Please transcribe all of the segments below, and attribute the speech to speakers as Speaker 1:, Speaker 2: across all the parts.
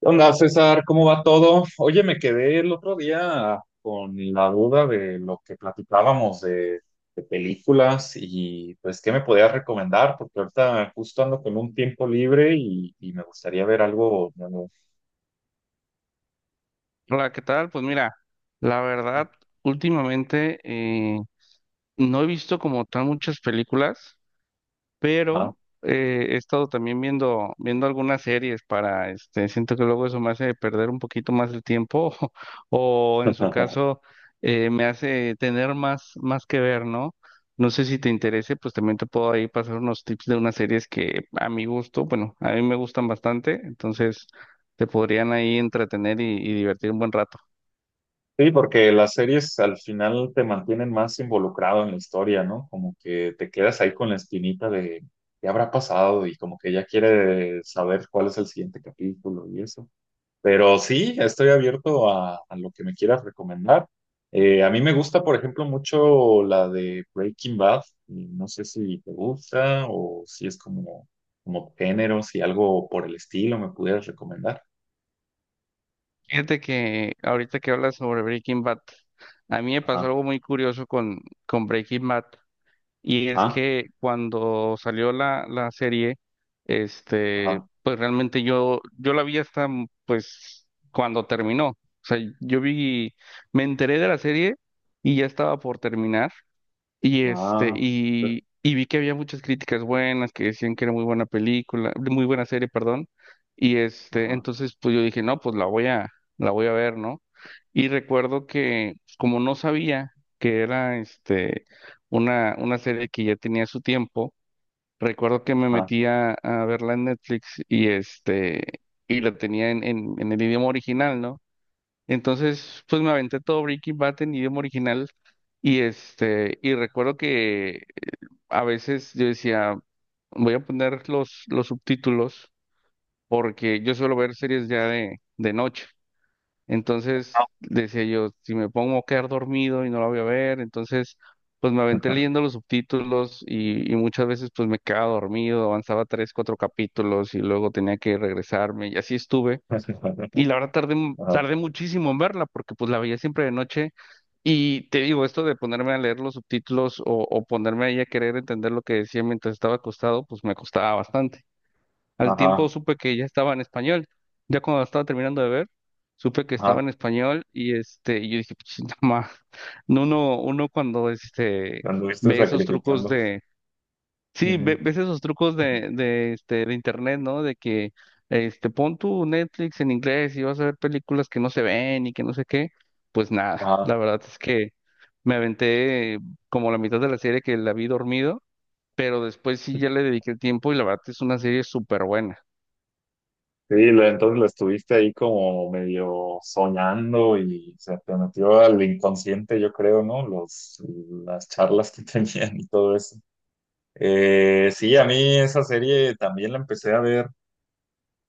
Speaker 1: ¿Qué onda, César? ¿Cómo va todo? Oye, me quedé el otro día con la duda de lo que platicábamos de películas y pues, ¿qué me podías recomendar? Porque ahorita justo ando con un tiempo libre y me gustaría ver algo nuevo.
Speaker 2: Hola, ¿qué tal? Pues mira, la verdad, últimamente no he visto como tan muchas películas,
Speaker 1: Ajá.
Speaker 2: pero he estado también viendo, viendo algunas series para, este, siento que luego eso me hace perder un poquito más el tiempo o, en su caso me hace tener más, más que ver, ¿no? No sé si te interese, pues también te puedo ahí pasar unos tips de unas series que a mi gusto, bueno, a mí me gustan bastante, entonces te podrían ahí entretener y divertir un buen rato.
Speaker 1: Sí, porque las series al final te mantienen más involucrado en la historia, ¿no? Como que te quedas ahí con la espinita de qué habrá pasado y como que ya quieres saber cuál es el siguiente capítulo y eso. Pero sí, estoy abierto a lo que me quieras recomendar. A mí me gusta, por ejemplo, mucho la de Breaking Bad. Y no sé si te gusta o si es como, como género, si algo por el estilo me pudieras recomendar.
Speaker 2: Fíjate que ahorita que hablas sobre Breaking Bad, a mí me pasó
Speaker 1: Ajá,
Speaker 2: algo muy curioso con Breaking Bad, y es
Speaker 1: ajá,
Speaker 2: que cuando salió la serie, este,
Speaker 1: ajá,
Speaker 2: pues realmente yo la vi hasta pues cuando terminó. O sea, yo vi, me enteré de la serie y ya estaba por terminar. Y este,
Speaker 1: ah,
Speaker 2: y vi que había muchas críticas buenas, que decían que era muy buena película, muy buena serie, perdón. Y este,
Speaker 1: ajá,
Speaker 2: entonces pues yo dije, no, pues la voy a ver, ¿no? Y recuerdo que, pues, como no sabía que era este una serie que ya tenía su tiempo, recuerdo que me
Speaker 1: ajá,
Speaker 2: metí a verla en Netflix y este, y la tenía en el idioma original, ¿no? Entonces, pues me aventé todo Breaking Bad en idioma original y este, y recuerdo que a veces yo decía, voy a poner los subtítulos porque yo suelo ver series ya de noche. Entonces decía yo, si me pongo a quedar dormido y no la voy a ver, entonces pues me aventé
Speaker 1: ajá,
Speaker 2: leyendo los subtítulos y muchas veces pues me quedaba dormido, avanzaba tres, cuatro capítulos y luego tenía que regresarme y así estuve
Speaker 1: ajá,
Speaker 2: y la verdad tardé, mu-
Speaker 1: ajá,
Speaker 2: tardé muchísimo en verla porque pues la veía siempre de noche y te digo, esto de ponerme a leer los subtítulos o ponerme ahí a querer entender lo que decía mientras estaba acostado, pues me costaba bastante. Al tiempo
Speaker 1: ajá,
Speaker 2: supe que ya estaba en español, ya cuando la estaba terminando de ver, supe que estaba
Speaker 1: ajá.
Speaker 2: en español y este, y yo dije, pues no, ma". No, uno cuando este,
Speaker 1: Cuando estoy
Speaker 2: ve esos trucos.
Speaker 1: sacrificando.
Speaker 2: Sí,
Speaker 1: Ujú.
Speaker 2: ves esos trucos este, de internet, ¿no? De que este, pon tu Netflix en inglés y vas a ver películas que no se ven y que no sé qué. Pues nada,
Speaker 1: Ajá.
Speaker 2: la verdad es que me aventé como la mitad de la serie que la vi dormido, pero después sí ya le dediqué el tiempo y la verdad es una serie súper buena.
Speaker 1: Sí, entonces lo estuviste ahí como medio soñando y se te metió al inconsciente, yo creo, ¿no? Los, las charlas que tenían y todo eso. Sí, a mí esa serie también la empecé a ver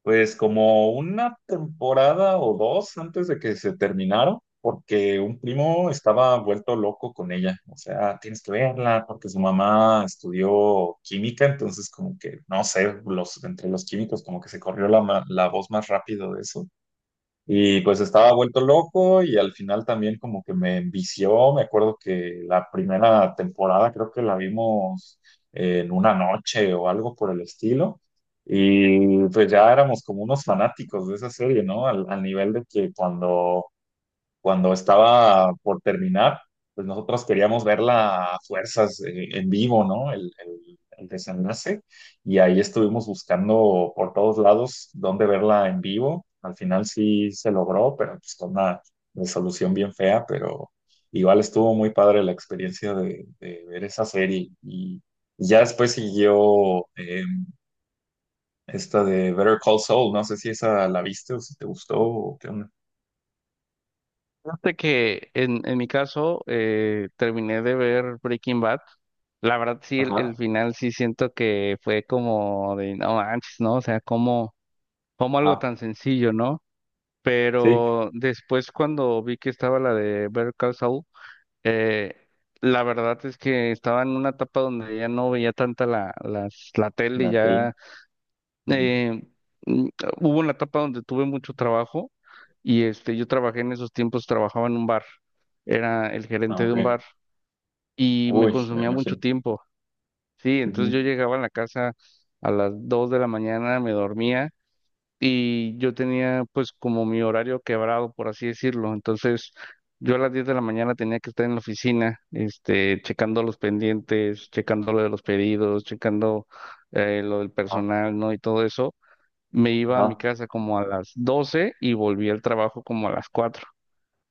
Speaker 1: pues como una temporada o dos antes de que se terminaron, porque un primo estaba vuelto loco con ella. O sea, tienes que verla porque su mamá estudió química, entonces como que, no sé, los, entre los químicos como que se corrió la, la voz más rápido de eso. Y pues estaba vuelto loco y al final también como que me envició. Me acuerdo que la primera temporada creo que la vimos en una noche o algo por el estilo. Y pues ya éramos como unos fanáticos de esa serie, ¿no? Al nivel de que cuando estaba por terminar, pues nosotros queríamos verla a fuerzas en vivo, ¿no? El desenlace. Y ahí estuvimos buscando por todos lados dónde verla en vivo. Al final sí se logró, pero pues con una resolución bien fea, pero igual estuvo muy padre la experiencia de ver esa serie. Y ya después siguió esta de Better Call Saul. No sé si esa la viste o si te gustó o qué onda.
Speaker 2: Fíjate que en mi caso terminé de ver Breaking Bad. La verdad sí, el
Speaker 1: Ajá,
Speaker 2: final sí siento que fue como de no manches, ¿no? O sea, como, como algo
Speaker 1: ajá,
Speaker 2: tan sencillo, ¿no?
Speaker 1: sí,
Speaker 2: Pero después cuando vi que estaba la de Better Call Saul, eh, la verdad es que estaba en una etapa donde ya no veía tanta la tele,
Speaker 1: la tele.
Speaker 2: ya
Speaker 1: Ujú.
Speaker 2: eh, mm, hubo una etapa donde tuve mucho trabajo y este, yo trabajé en esos tiempos, trabajaba en un bar, era el
Speaker 1: Ah,
Speaker 2: gerente de
Speaker 1: ok.
Speaker 2: un bar y me
Speaker 1: Uy, me
Speaker 2: consumía mucho
Speaker 1: imagino.
Speaker 2: tiempo, sí, entonces
Speaker 1: Ujú.
Speaker 2: yo llegaba a la casa a las 2 de la mañana, me dormía y yo tenía pues como mi horario quebrado, por así decirlo. Entonces, yo a las 10 de la mañana tenía que estar en la oficina, este, checando los pendientes, checando lo de los pedidos, checando lo del
Speaker 1: Ajá.
Speaker 2: personal, ¿no? Y todo eso. Me iba a mi
Speaker 1: Ajá.
Speaker 2: casa como a las 12 y volví al trabajo como a las 4.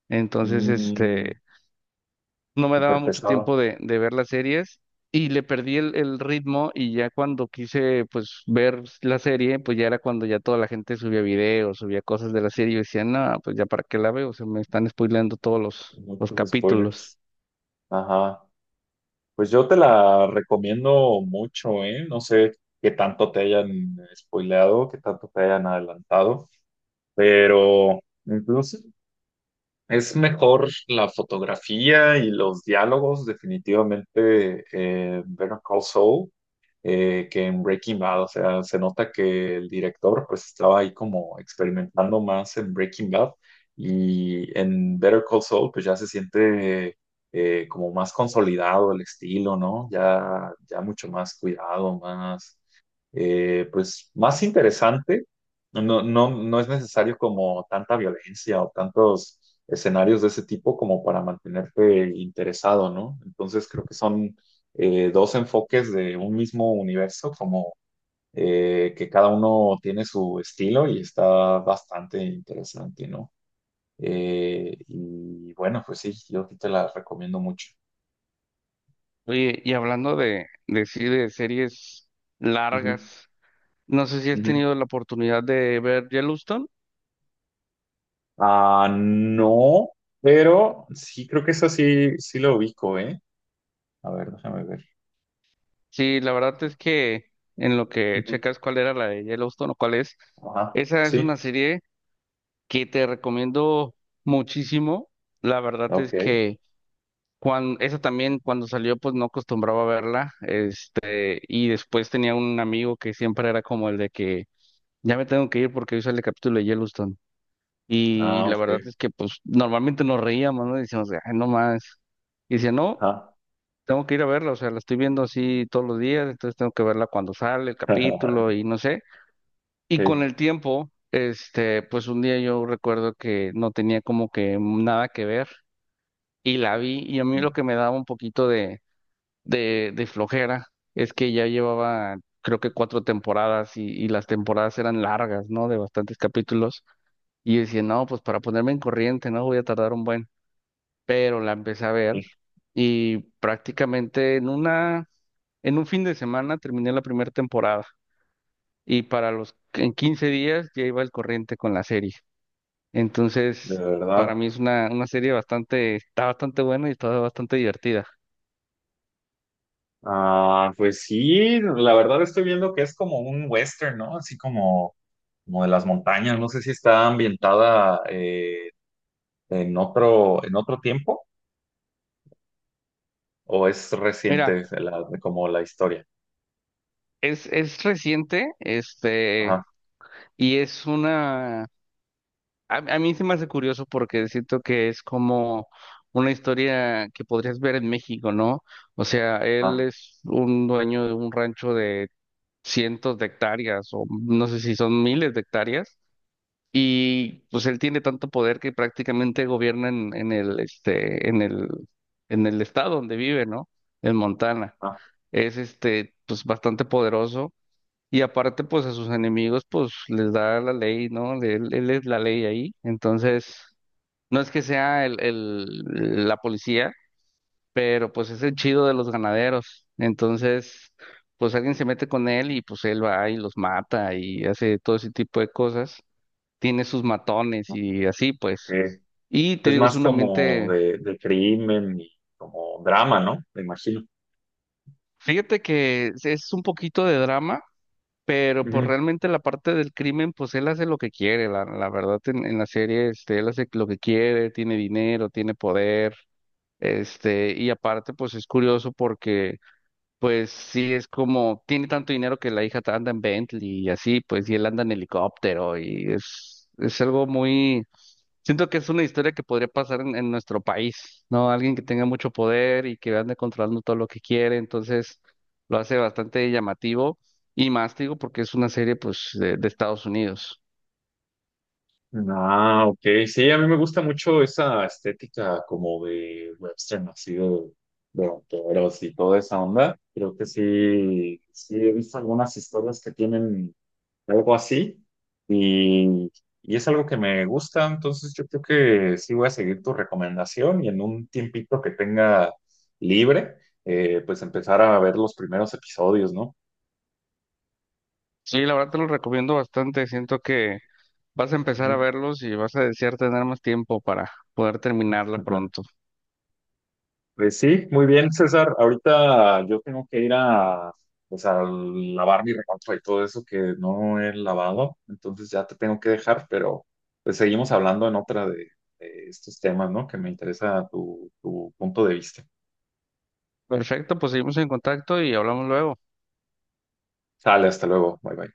Speaker 2: Entonces,
Speaker 1: Mm,
Speaker 2: este, no me daba
Speaker 1: súper
Speaker 2: mucho
Speaker 1: pesado.
Speaker 2: tiempo de ver las series y le perdí el ritmo y ya cuando quise pues ver la serie, pues ya era cuando ya toda la gente subía videos, subía cosas de la serie y yo decía, no, pues ya para qué la veo, se me están spoileando todos los
Speaker 1: Muchos
Speaker 2: capítulos.
Speaker 1: spoilers. Ajá. Pues yo te la recomiendo mucho, ¿eh? No sé qué tanto te hayan spoileado, qué tanto te hayan adelantado, pero incluso es mejor la fotografía y los diálogos, definitivamente, Better Call Saul. Que en Breaking Bad. O sea, se nota que el director pues estaba ahí como experimentando más en Breaking Bad y en Better Call Saul pues ya se siente como más consolidado el estilo, ¿no? Ya, ya mucho más cuidado, más, pues más interesante. No, no, no es necesario como tanta violencia o tantos escenarios de ese tipo como para mantenerte interesado, ¿no? Entonces creo que son dos enfoques de un mismo universo, como que cada uno tiene su estilo y está bastante interesante, ¿no? Y bueno, pues sí, yo sí te la recomiendo mucho.
Speaker 2: Oye, y hablando sí, de series
Speaker 1: Ujú,
Speaker 2: largas, no sé si has
Speaker 1: ujú.
Speaker 2: tenido la oportunidad de ver Yellowstone.
Speaker 1: Ah, no, pero sí, creo que eso sí, sí lo ubico, ¿eh? A ver, déjame ver.
Speaker 2: Sí, la verdad es que en lo que
Speaker 1: Ujú.
Speaker 2: checas cuál era la de Yellowstone o cuál es,
Speaker 1: Ajá,
Speaker 2: esa es
Speaker 1: sí,
Speaker 2: una serie que te recomiendo muchísimo. La verdad es
Speaker 1: ok.
Speaker 2: que cuando, esa también cuando salió pues no acostumbraba a verla, este, y después tenía un amigo que siempre era como el de que ya me tengo que ir porque hoy sale el capítulo de Yellowstone. Y
Speaker 1: Ah,
Speaker 2: la verdad
Speaker 1: ok.
Speaker 2: es que pues normalmente nos reíamos, ¿no? Decíamos, ay, no más. Y decía, no,
Speaker 1: Ajá.
Speaker 2: tengo que ir a verla, o sea, la estoy viendo así todos los días, entonces tengo que verla cuando sale el capítulo y no sé. Y con
Speaker 1: Sí,
Speaker 2: el tiempo, este, pues un día yo recuerdo que no tenía como que nada que ver y la vi y a mí lo que me daba un poquito de, de flojera es que ya llevaba creo que cuatro temporadas y las temporadas eran largas, ¿no? De bastantes capítulos y yo decía, no, pues para ponerme en corriente, ¿no? Voy a tardar un buen, pero la empecé a ver
Speaker 1: sí,
Speaker 2: y prácticamente en un fin de semana terminé la primera temporada y para los en 15 días ya iba al corriente con la serie.
Speaker 1: de
Speaker 2: Entonces, para
Speaker 1: verdad.
Speaker 2: mí es una serie bastante, está bastante buena y está bastante divertida.
Speaker 1: Ah, pues sí, la verdad estoy viendo que es como un western, ¿no? Así como, como de las montañas. No sé si está ambientada en otro tiempo o es
Speaker 2: Mira,
Speaker 1: reciente como la historia.
Speaker 2: es reciente, este,
Speaker 1: Ajá,
Speaker 2: y a mí se me hace curioso porque siento que es como una historia que podrías ver en México, ¿no? O sea, él
Speaker 1: ajá,
Speaker 2: es un dueño de un rancho de cientos de hectáreas o no sé si son miles de hectáreas. Y pues él tiene tanto poder que prácticamente gobierna en el estado donde vive, ¿no? En Montana.
Speaker 1: ajá,
Speaker 2: Es este, pues bastante poderoso. Y aparte, pues a sus enemigos, pues les da la ley, ¿no? De Él, él es la ley ahí. Entonces, no es que sea la policía, pero pues es el chido de los ganaderos. Entonces, pues alguien se mete con él y pues él va y los mata y hace todo ese tipo de cosas, tiene sus matones y así, pues.
Speaker 1: ok.
Speaker 2: Y te
Speaker 1: Es
Speaker 2: digo, es
Speaker 1: más
Speaker 2: un
Speaker 1: como
Speaker 2: ambiente,
Speaker 1: de crimen y como drama, ¿no? Me imagino.
Speaker 2: fíjate que es un poquito de drama, pero pues realmente la parte del crimen, pues él hace lo que quiere, la verdad en la serie, este, él hace lo que quiere, tiene dinero, tiene poder, este, y aparte pues es curioso porque pues sí es como, tiene tanto dinero que la hija anda en Bentley y así, pues y él anda en helicóptero y es algo muy. Siento que es una historia que podría pasar en nuestro país, ¿no? Alguien que tenga mucho poder y que ande controlando todo lo que quiere, entonces lo hace bastante llamativo y más, te digo, porque es una serie, pues, de Estados Unidos.
Speaker 1: Ah, ok. Sí, a mí me gusta mucho esa estética como de western, así de vaqueros y toda esa onda. Creo que sí, sí he visto algunas historias que tienen algo así y, y es algo que me gusta. Entonces yo creo que sí voy a seguir tu recomendación y en un tiempito que tenga libre, pues empezar a ver los primeros episodios, ¿no?
Speaker 2: Sí, la verdad te lo recomiendo bastante, siento que vas a empezar a
Speaker 1: Ujú.
Speaker 2: verlos y vas a desear tener más tiempo para poder terminarla pronto.
Speaker 1: Pues sí, muy bien, César. Ahorita yo tengo que ir a, pues a lavar mi ropa y todo eso que no he lavado, entonces ya te tengo que dejar, pero pues seguimos hablando en otra de estos temas, ¿no? Que me interesa tu, tu punto de vista.
Speaker 2: Perfecto, pues seguimos en contacto y hablamos luego.
Speaker 1: Sale, hasta luego. Bye bye.